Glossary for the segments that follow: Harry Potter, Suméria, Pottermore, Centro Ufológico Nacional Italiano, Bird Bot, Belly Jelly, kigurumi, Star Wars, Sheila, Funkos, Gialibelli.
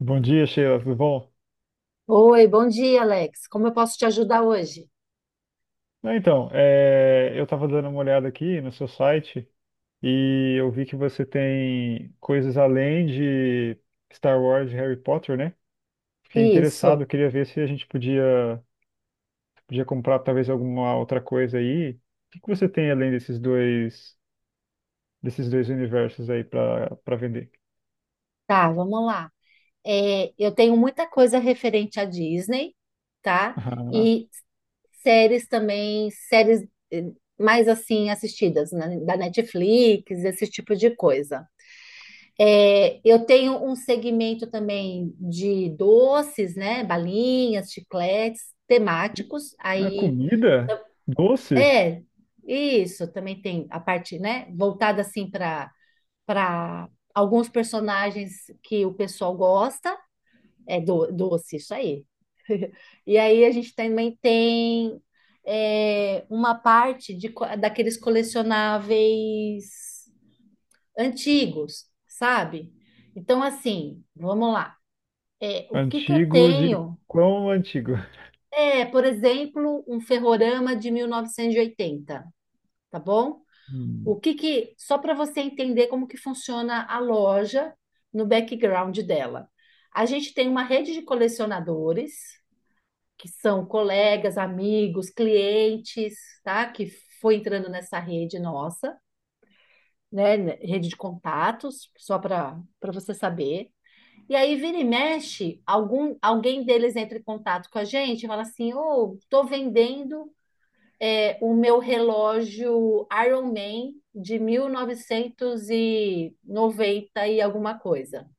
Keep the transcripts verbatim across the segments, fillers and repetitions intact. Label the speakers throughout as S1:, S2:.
S1: Bom dia, Sheila, tudo bom?
S2: Oi, bom dia, Alex. Como eu posso te ajudar hoje?
S1: Não, Então, é, eu estava dando uma olhada aqui no seu site e eu vi que você tem coisas além de Star Wars e Harry Potter, né? Fiquei
S2: Isso,
S1: interessado, queria ver se a gente podia, podia comprar talvez alguma outra coisa aí. O que que você tem além desses dois, desses dois universos aí para para vender?
S2: tá, vamos lá. É, eu tenho muita coisa referente à Disney, tá? E séries também, séries eh, mais assim assistidas, né? Da Netflix, esse tipo de coisa. É, eu tenho um segmento também de doces, né? Balinhas, chicletes, temáticos.
S1: Ah, é
S2: Aí,
S1: comida? Doce?
S2: é, isso, também tem a parte, né? Voltada assim para para alguns personagens que o pessoal gosta. É do- doce, isso aí. E aí a gente também tem é, uma parte de, co- daqueles colecionáveis antigos, sabe? Então, assim, vamos lá. É, o que que eu
S1: Antigo de
S2: tenho?
S1: quão antigo?
S2: É, por exemplo, um ferrorama de mil novecentos e oitenta, tá bom? O
S1: Hum.
S2: que que, só para você entender como que funciona a loja no background dela. A gente tem uma rede de colecionadores, que são colegas, amigos, clientes, tá? Que foi entrando nessa rede nossa, né? Rede de contatos, só para para você saber. E aí vira e mexe, algum, alguém deles entra em contato com a gente e fala assim: "Ô, oh, tô vendendo, é, o meu relógio Iron Man de mil novecentos e noventa e noventa e alguma coisa.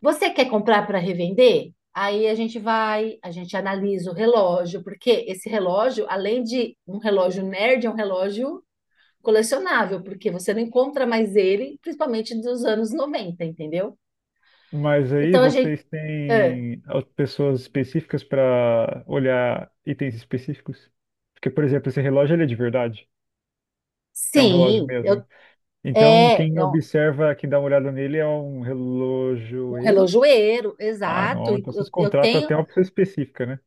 S2: Você quer comprar para revender? Aí a gente vai, a gente analisa o relógio, porque esse relógio, além de um relógio nerd, é um relógio colecionável, porque você não encontra mais ele, principalmente dos anos noventa, entendeu?
S1: Mas aí
S2: Então a gente.
S1: vocês
S2: ah,
S1: têm as pessoas específicas para olhar itens específicos? Porque, por exemplo, esse relógio ele é de verdade, é um relógio
S2: sim, eu,
S1: mesmo. Então,
S2: é,
S1: quem
S2: é um,
S1: observa, quem dá uma olhada nele é um
S2: um
S1: relojoeiro?
S2: relojoeiro,
S1: Ah,
S2: exato.
S1: não,
S2: e
S1: então vocês
S2: Eu, eu
S1: contratam
S2: tenho.
S1: até uma pessoa específica, né?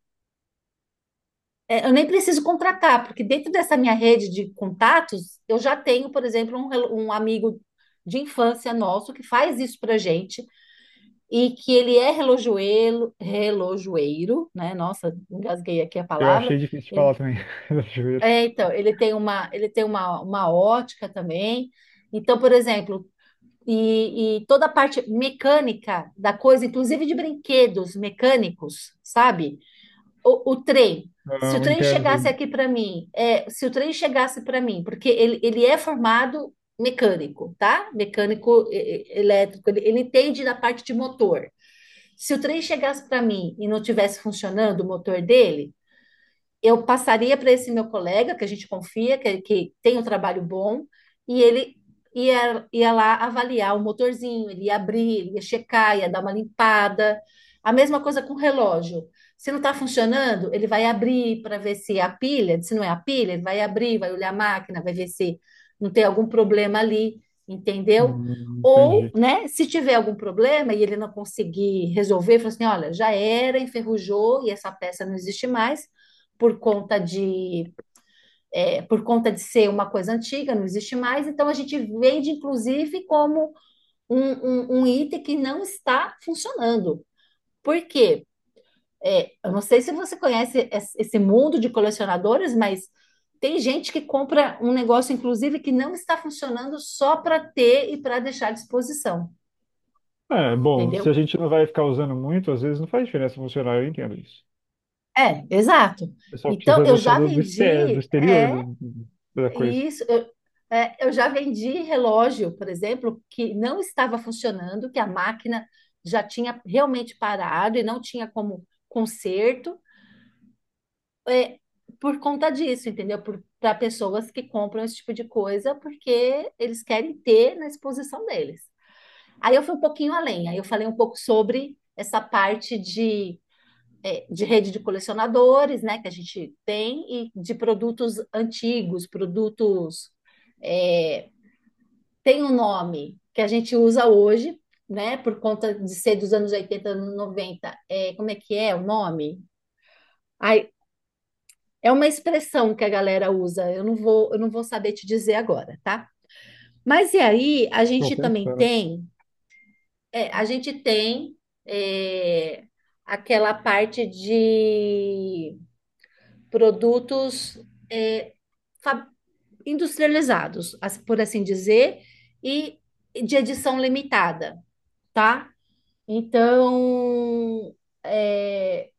S2: É, eu nem preciso contratar, porque dentro dessa minha rede de contatos, eu já tenho, por exemplo, um, relo- um amigo de infância nosso que faz isso pra gente e que ele é relojoeiro, relojoeiro, né? Nossa, engasguei aqui a
S1: Eu
S2: palavra.
S1: achei difícil de
S2: Ele,
S1: falar também, relojoeiro.
S2: é, então, ele tem uma, ele tem uma, uma ótica também. Então, por exemplo, e, e toda a parte mecânica da coisa, inclusive de brinquedos mecânicos, sabe? o, o trem. Se
S1: Ah,
S2: o
S1: o
S2: trem
S1: interno
S2: chegasse
S1: do...
S2: aqui para mim, é, se o trem chegasse para mim, porque ele, ele é formado mecânico, tá? Mecânico e- e- elétrico, ele, ele entende da parte de motor. Se o trem chegasse para mim e não tivesse funcionando o motor dele, eu passaria para esse meu colega, que a gente confia, que, que tem um trabalho bom, e ele ia, ia lá avaliar o motorzinho, ele ia abrir, ele ia checar, ia dar uma limpada. A mesma coisa com o relógio. Se não está funcionando, ele vai abrir para ver se é a pilha, se não é a pilha, ele vai abrir, vai olhar a máquina, vai ver se não tem algum problema ali, entendeu?
S1: Hum,
S2: Ou,
S1: entendi.
S2: né, se tiver algum problema e ele não conseguir resolver, fala assim: olha, já era, enferrujou e essa peça não existe mais, por conta de é, por conta de ser uma coisa antiga, não existe mais, então a gente vende, inclusive, como um, um, um item que não está funcionando. Por quê? É, eu não sei se você conhece es- esse mundo de colecionadores, mas tem gente que compra um negócio, inclusive, que não está funcionando só para ter e para deixar à disposição,
S1: É, bom, se a
S2: entendeu?
S1: gente não vai ficar usando muito, às vezes não faz diferença funcionar, eu entendo isso.
S2: É, exato.
S1: O pessoal
S2: Então, eu
S1: precisa só
S2: já
S1: do, do, exter, do
S2: vendi.
S1: exterior
S2: é,
S1: do- da coisa.
S2: E Isso, eu, é, eu já vendi relógio, por exemplo, que não estava funcionando, que a máquina já tinha realmente parado e não tinha como conserto, é, por conta disso, entendeu? Para pessoas que compram esse tipo de coisa, porque eles querem ter na exposição deles. Aí eu fui um pouquinho além, aí eu falei um pouco sobre essa parte de, é, de rede de colecionadores, né, que a gente tem, e de produtos antigos, produtos, é, tem um nome que a gente usa hoje, né? Por conta de ser dos anos oitenta noventa. É, como é que é o nome? Ai, é uma expressão que a galera usa. Eu não vou, eu não vou saber te dizer agora, tá? Mas e aí, a
S1: Estou
S2: gente também
S1: pensando.
S2: tem, é, a gente tem é, aquela parte de produtos é, fa- industrializados, as- por assim dizer, e de edição limitada, tá? Então, é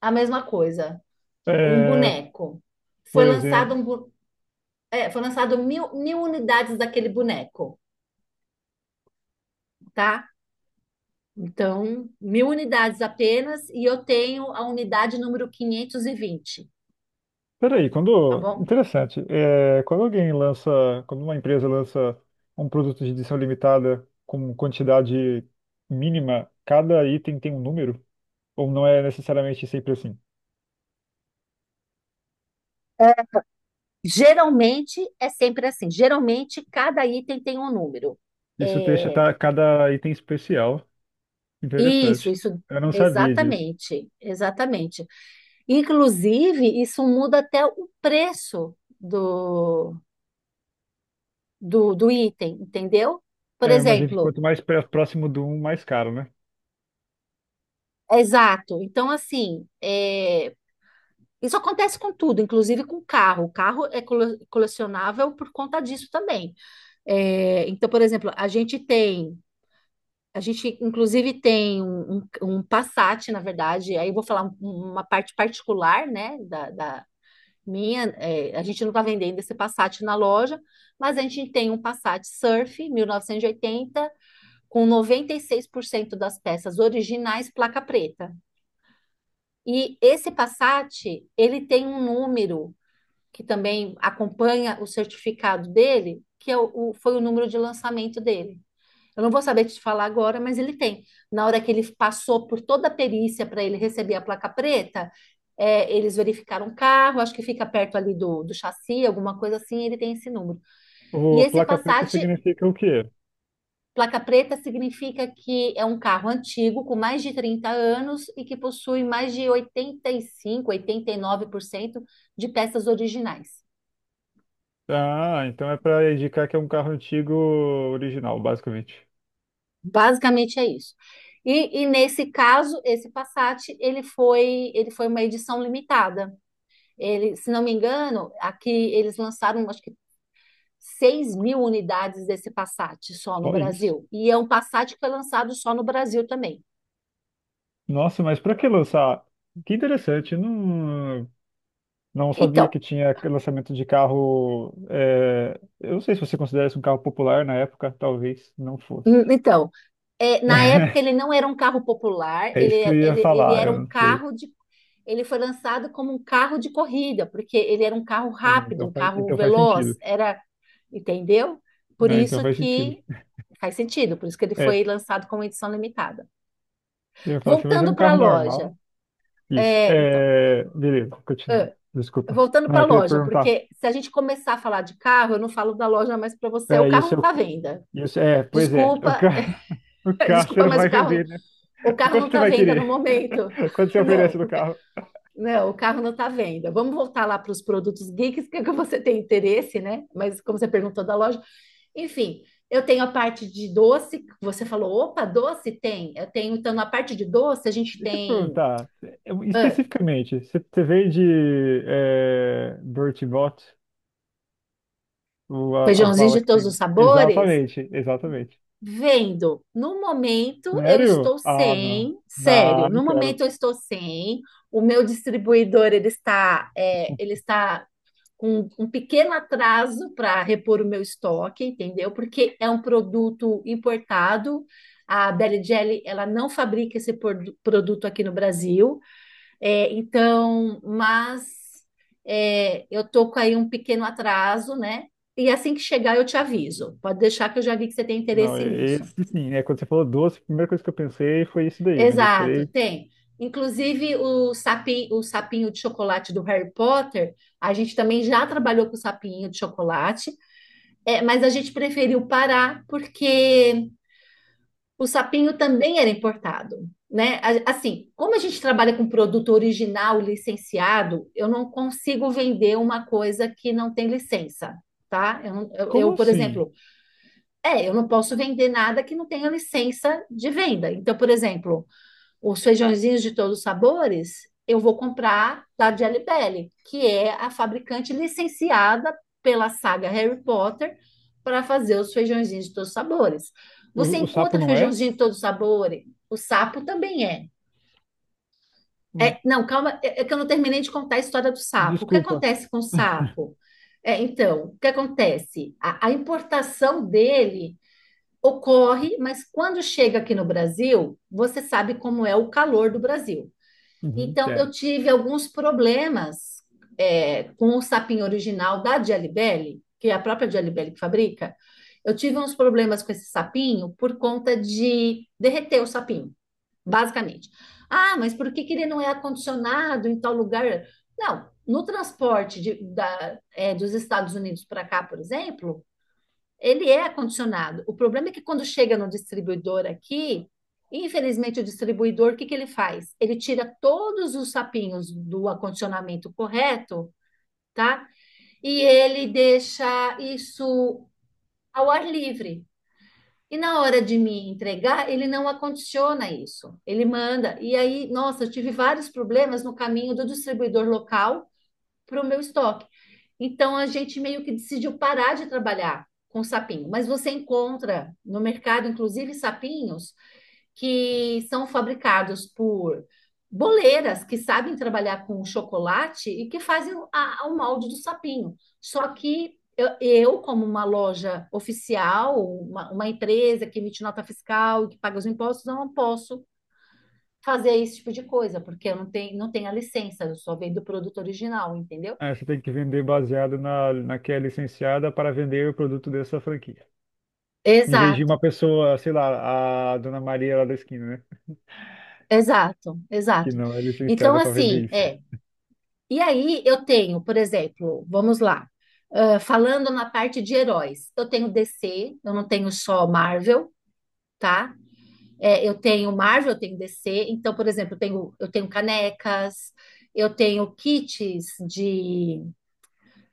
S2: a mesma coisa. Um
S1: É,
S2: boneco. Foi
S1: por
S2: lançado,
S1: exemplo.
S2: um, bu- é, foi lançado mil, mil unidades daquele boneco, tá? Então, mil unidades apenas, e eu tenho a unidade número quinhentos e vinte,
S1: Peraí,
S2: tá
S1: quando.
S2: bom?
S1: Interessante. É, quando alguém lança. Quando uma empresa lança um produto de edição limitada com quantidade mínima, cada item tem um número? Ou não é necessariamente sempre assim?
S2: Geralmente é sempre assim. Geralmente, cada item tem um número.
S1: Isso deixa
S2: É,
S1: ta- cada item especial.
S2: Isso,
S1: Interessante.
S2: isso,
S1: Eu não sabia disso.
S2: exatamente, exatamente. Inclusive, isso muda até o preço do, do, do item, entendeu? Por
S1: É, imagino que
S2: exemplo,
S1: quanto mais pré- próximo do um, mais caro, né?
S2: exato. Então, assim, é, isso acontece com tudo, inclusive com carro. O carro é cole- colecionável por conta disso também. É, então, por exemplo, a gente tem. A gente, inclusive, tem um, um, um Passat, na verdade, aí eu vou falar um- uma parte particular, né, da, da- Minha, é, a gente não está vendendo esse Passat na loja, mas a gente tem um Passat Surf mil novecentos e oitenta com noventa e seis por cento das peças originais placa preta. E esse Passat, ele tem um número que também acompanha o certificado dele, que é o, o- foi o número de lançamento dele. Eu não vou saber te falar agora, mas ele tem. Na hora que ele passou por toda a perícia para ele receber a placa preta, é, eles verificaram o carro, acho que fica perto ali do, do chassi, alguma coisa assim, ele tem esse número. E
S1: O, a
S2: esse
S1: placa preta
S2: Passat,
S1: significa o quê?
S2: placa preta, significa que é um carro antigo, com mais de trinta anos e que possui mais de oitenta oitenta e e cinco, oitenta e nove por cento de peças originais.
S1: Ah, então é pra indicar que é um carro antigo original, basicamente.
S2: Basicamente é isso. E, e nesse caso, esse Passat, ele foi, ele foi uma edição limitada. Ele, se não me engano, aqui eles lançaram, acho que seis mil unidades desse Passat só no
S1: Só isso.
S2: Brasil. E é um Passat que foi lançado só no Brasil também.
S1: Nossa, mas pra que lançar? Que interessante. Não, não sabia
S2: Então,
S1: que tinha lançamento de carro. é, Eu não sei se você considera isso um carro popular na época, talvez não fosse.
S2: hum, então é, na época ele não era um carro popular,
S1: É
S2: ele,
S1: isso que eu
S2: é-
S1: ia
S2: ele, ele
S1: falar,
S2: era
S1: eu
S2: um
S1: não sei.
S2: carro de. Ele foi lançado como um carro de corrida, porque ele era um carro rápido,
S1: Então
S2: um
S1: faz,
S2: carro
S1: então faz
S2: veloz,
S1: sentido.
S2: era, entendeu? Por
S1: Né? Então
S2: isso
S1: faz sentido.
S2: que faz sentido, por isso que ele foi
S1: É,
S2: lançado como edição limitada.
S1: eu ia falar assim, mas é
S2: Voltando
S1: um
S2: para a
S1: carro
S2: loja,
S1: normal. Isso.
S2: é, então.
S1: É, beleza, continua. Desculpa.
S2: voltando
S1: Não,
S2: para a
S1: eu queria
S2: loja,
S1: perguntar.
S2: porque se a gente começar a falar de carro, eu não falo da loja mais para você, o
S1: É, e o
S2: carro não está
S1: seu.
S2: à venda.
S1: Isso, é, pois é. O,
S2: Desculpa,
S1: ca... o carro você
S2: desculpa,
S1: não
S2: mas o
S1: vai
S2: carro,
S1: vender, né?
S2: o carro não
S1: Quanto você
S2: está à
S1: vai
S2: venda no
S1: querer?
S2: momento.
S1: Quanto você oferece
S2: Não,
S1: no
S2: o, ca-
S1: carro?
S2: não, o carro não está à venda. Vamos voltar lá para os produtos geeks, que é que você tem interesse, né? Mas como você perguntou da loja, enfim. Eu tenho a parte de doce, você falou, opa, doce tem. Eu tenho, então, na parte de doce, a gente
S1: Deixa eu te
S2: tem
S1: perguntar, eu-
S2: ah,
S1: especificamente, você você vende é, Bird Bot, o- a- as
S2: feijãozinho de
S1: balas que
S2: todos os
S1: tem?
S2: sabores,
S1: Exatamente, exatamente.
S2: Vendo, no momento eu
S1: Sério?
S2: estou
S1: Ah, não.
S2: sem,
S1: Não,
S2: sério,
S1: não
S2: no momento
S1: quero.
S2: eu estou sem, o meu distribuidor ele está, é, ele está com um pequeno atraso para repor o meu estoque, entendeu? Porque é um produto importado, a Belly Jelly, ela não fabrica esse produ- produto aqui no Brasil, é, então, mas é, eu tô com aí um pequeno atraso, né? E assim que chegar eu te aviso, pode deixar que eu já vi que você tem
S1: Não,
S2: interesse
S1: e-
S2: nisso.
S1: Esse sim, né? Quando você falou doce, a primeira coisa que eu pensei foi isso daí, mas eu
S2: Exato,
S1: esperei.
S2: tem. Inclusive o sapi, o sapinho de chocolate do Harry Potter, a gente também já trabalhou com o sapinho de chocolate, é, mas a gente preferiu parar porque o sapinho também era importado, né? A- Assim, como a gente trabalha com produto original licenciado, eu não consigo vender uma coisa que não tem licença, tá? Eu, não- eu,
S1: Como
S2: eu, por
S1: assim?
S2: exemplo, é, eu não posso vender nada que não tenha licença de venda. Então, por exemplo, os feijõezinhos de todos os sabores, eu vou comprar da Jelly que é a fabricante licenciada pela saga Harry Potter para fazer os feijãozinhos de todos os sabores. Você
S1: O, o sapo
S2: encontra
S1: não é?
S2: feijãozinho de todos os sabores? O sapo também é.
S1: Hum,
S2: É, não, calma, é é que eu não terminei de contar a história do sapo. O que
S1: Desculpa.
S2: acontece com o sapo? É, então, o que acontece? A, a importação dele ocorre, mas quando chega aqui no Brasil, você sabe como é o calor do Brasil.
S1: Uhum,
S2: Então, eu
S1: é.
S2: tive alguns problemas é, com o sapinho original da Gialibelli, que é a própria Gialibelli que fabrica. Eu tive uns problemas com esse sapinho por conta de derreter o sapinho, basicamente. Ah, mas por que que ele não é acondicionado em tal lugar? Não, no transporte de- da- é, dos Estados Unidos para cá, por exemplo, ele é acondicionado. O problema é que quando chega no distribuidor aqui, infelizmente o distribuidor, o que que ele faz? Ele tira todos os sapinhos do acondicionamento correto, tá? E ele deixa isso ao ar livre. E na hora de me entregar, ele não acondiciona isso. Ele manda. E aí, nossa, eu tive vários problemas no caminho do distribuidor local para o meu estoque. Então a gente meio que decidiu parar de trabalhar com sapinho, mas você encontra no mercado, inclusive, sapinhos que são fabricados por boleiras que sabem trabalhar com chocolate e que fazem a- o molde do sapinho. Só que eu, eu, como uma loja oficial, uma, uma empresa que emite nota fiscal e que paga os impostos, eu não posso fazer esse tipo de coisa, porque eu não tenho, não tenho a licença, eu só vendo o produto original, entendeu?
S1: É, você tem que vender baseado na, na que é licenciada para vender o produto dessa franquia. Em vez de uma
S2: Exato,
S1: pessoa, sei lá, a Dona Maria lá da esquina, né?
S2: exato,
S1: Que
S2: exato.
S1: não é
S2: Então,
S1: licenciada para vender
S2: assim,
S1: isso.
S2: é. E aí eu tenho, por exemplo, vamos lá, ah, falando na parte de heróis, eu tenho D C, eu não tenho só Marvel, tá? É, eu tenho Marvel, eu tenho D C, então, por exemplo, eu tenho, eu tenho canecas, eu tenho kits de,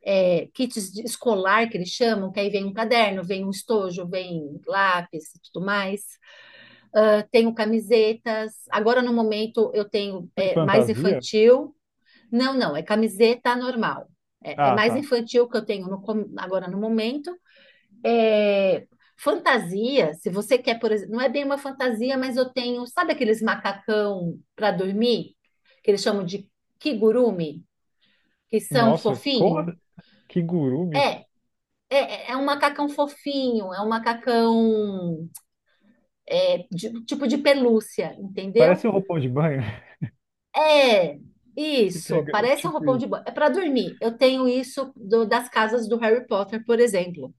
S2: é, kits de escolar que eles chamam, que aí vem um caderno, vem um estojo, vem lápis e tudo mais. Tenho camisetas. Agora, no momento, eu tenho
S1: Tem
S2: é, mais
S1: fantasia?
S2: infantil. Não, não, é camiseta normal. É, é
S1: Ah,
S2: mais
S1: tá.
S2: infantil que eu tenho no com- agora no momento. É, fantasia, se você quer, por exemplo, não é bem uma fantasia, mas eu tenho, sabe aqueles macacão para dormir, que eles chamam de kigurumi, que são
S1: Nossa, como?
S2: fofinho?
S1: Que
S2: É,
S1: gurumi.
S2: é, é é um macacão fofinho, é um macacão é, de- tipo de pelúcia, entendeu?
S1: Parece um roupão de banho.
S2: É,
S1: Que
S2: isso,
S1: pega-
S2: parece um
S1: Tipo
S2: roupão
S1: isso.
S2: de banho. É para dormir. Eu tenho isso do- das casas do Harry Potter, por exemplo.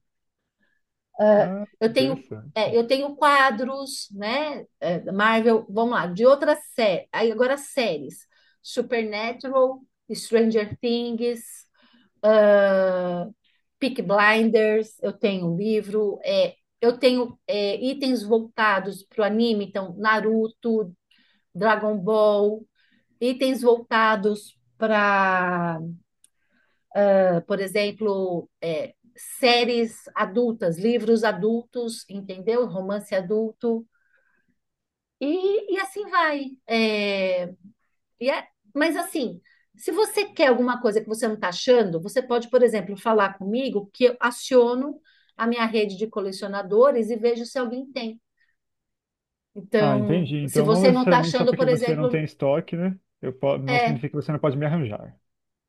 S1: Ah, que
S2: Eu tenho,
S1: interessante.
S2: é, eu tenho quadros, né? é, da Marvel, vamos lá, de outras séries. Aí agora séries: Supernatural, Stranger Things, Peaky Blinders. Eu tenho livro. É, eu tenho é, itens voltados para o anime, então Naruto, Dragon Ball, itens voltados para, por exemplo, é, séries adultas, livros adultos, entendeu? Romance adulto, e, e assim vai. É, e é- mas assim, se você quer alguma coisa que você não está achando, você pode, por exemplo, falar comigo que eu aciono a minha rede de colecionadores e vejo se alguém tem.
S1: Ah,
S2: Então,
S1: entendi.
S2: se
S1: Então, não
S2: você não está
S1: necessariamente só
S2: achando,
S1: porque
S2: por
S1: você não
S2: exemplo,
S1: tem estoque, né? Eu po- Não
S2: é.
S1: significa que você não pode me arranjar.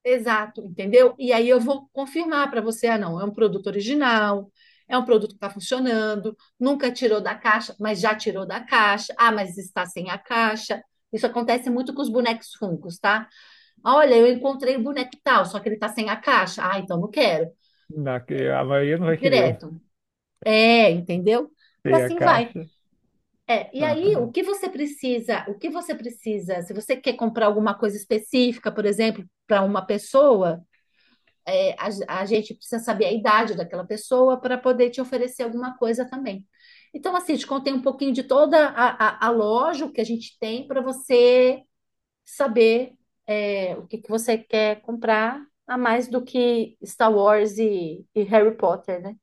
S2: Exato, entendeu? E aí eu vou confirmar para você, ah, não, é um produto original, é um produto que está funcionando, nunca tirou da caixa, mas já tirou da caixa, ah, mas está sem a caixa. Isso acontece muito com os bonecos Funkos, tá? Ah, olha, eu encontrei o boneco tal, só que ele está sem a caixa. Ah, então não quero.
S1: Na... A maioria não vai querer eu
S2: Direto. É, entendeu? E
S1: ter a
S2: assim vai.
S1: caixa.
S2: É, e aí,
S1: Ah,
S2: o que você precisa, o que você precisa, se você quer comprar alguma coisa específica, por exemplo, para uma pessoa, é, a, a gente precisa saber a idade daquela pessoa para poder te oferecer alguma coisa também. Então, assim, te contei um pouquinho de toda a, a, a loja, o que a gente tem para você saber é, o que, que você quer comprar, a mais do que Star Wars e, e Harry Potter, né?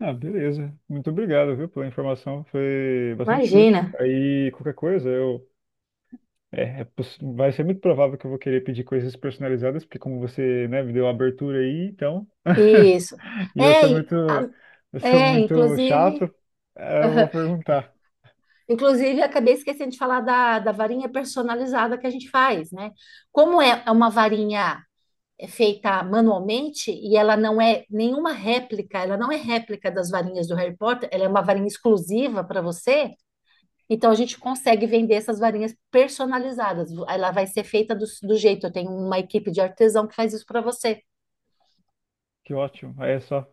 S1: Ah, beleza. Muito obrigado, viu, pela informação. Foi bastante útil.
S2: Imagina.
S1: Aí, qualquer coisa, eu. É, é poss- vai ser muito provável que eu vou querer pedir coisas personalizadas, porque como você, né, me deu a abertura aí, então.
S2: Isso.
S1: E eu
S2: É,
S1: sou muito.
S2: e a-
S1: Eu sou
S2: é,
S1: muito chato.
S2: inclusive,
S1: Aí eu vou perguntar.
S2: Inclusive acabei esquecendo de falar da, da varinha personalizada que a gente faz, né? Como é é uma varinha é feita manualmente e ela não é nenhuma réplica, ela não é réplica das varinhas do Harry Potter, ela é uma varinha exclusiva para você. Então a gente consegue vender essas varinhas personalizadas. Ela vai ser feita do, do jeito. Eu tenho uma equipe de artesão que faz isso para você.
S1: Que ótimo. Aí é só.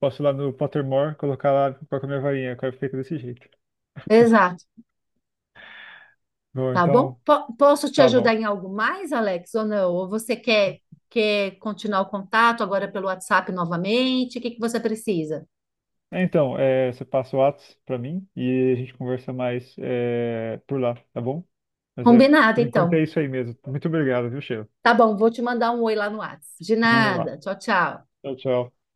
S1: Posso ir lá no Pottermore, colocar lá com a minha varinha, que fica desse jeito.
S2: Exato,
S1: Bom,
S2: tá bom?
S1: então,
S2: Po- posso te
S1: tá bom.
S2: ajudar em algo mais, Alex, ou não? Ou você quer, quer continuar o contato agora pelo WhatsApp novamente? O que que você precisa?
S1: É, Então, é, você passa o Whats pra mim e a gente conversa mais é, por lá, tá bom? Mas é,
S2: Combinado,
S1: por enquanto é
S2: então.
S1: isso aí mesmo. Muito obrigado, viu, Sheila?
S2: Tá bom, vou te mandar um oi lá no WhatsApp. De
S1: Manda lá.
S2: nada. Tchau, tchau.
S1: Tchau, tchau.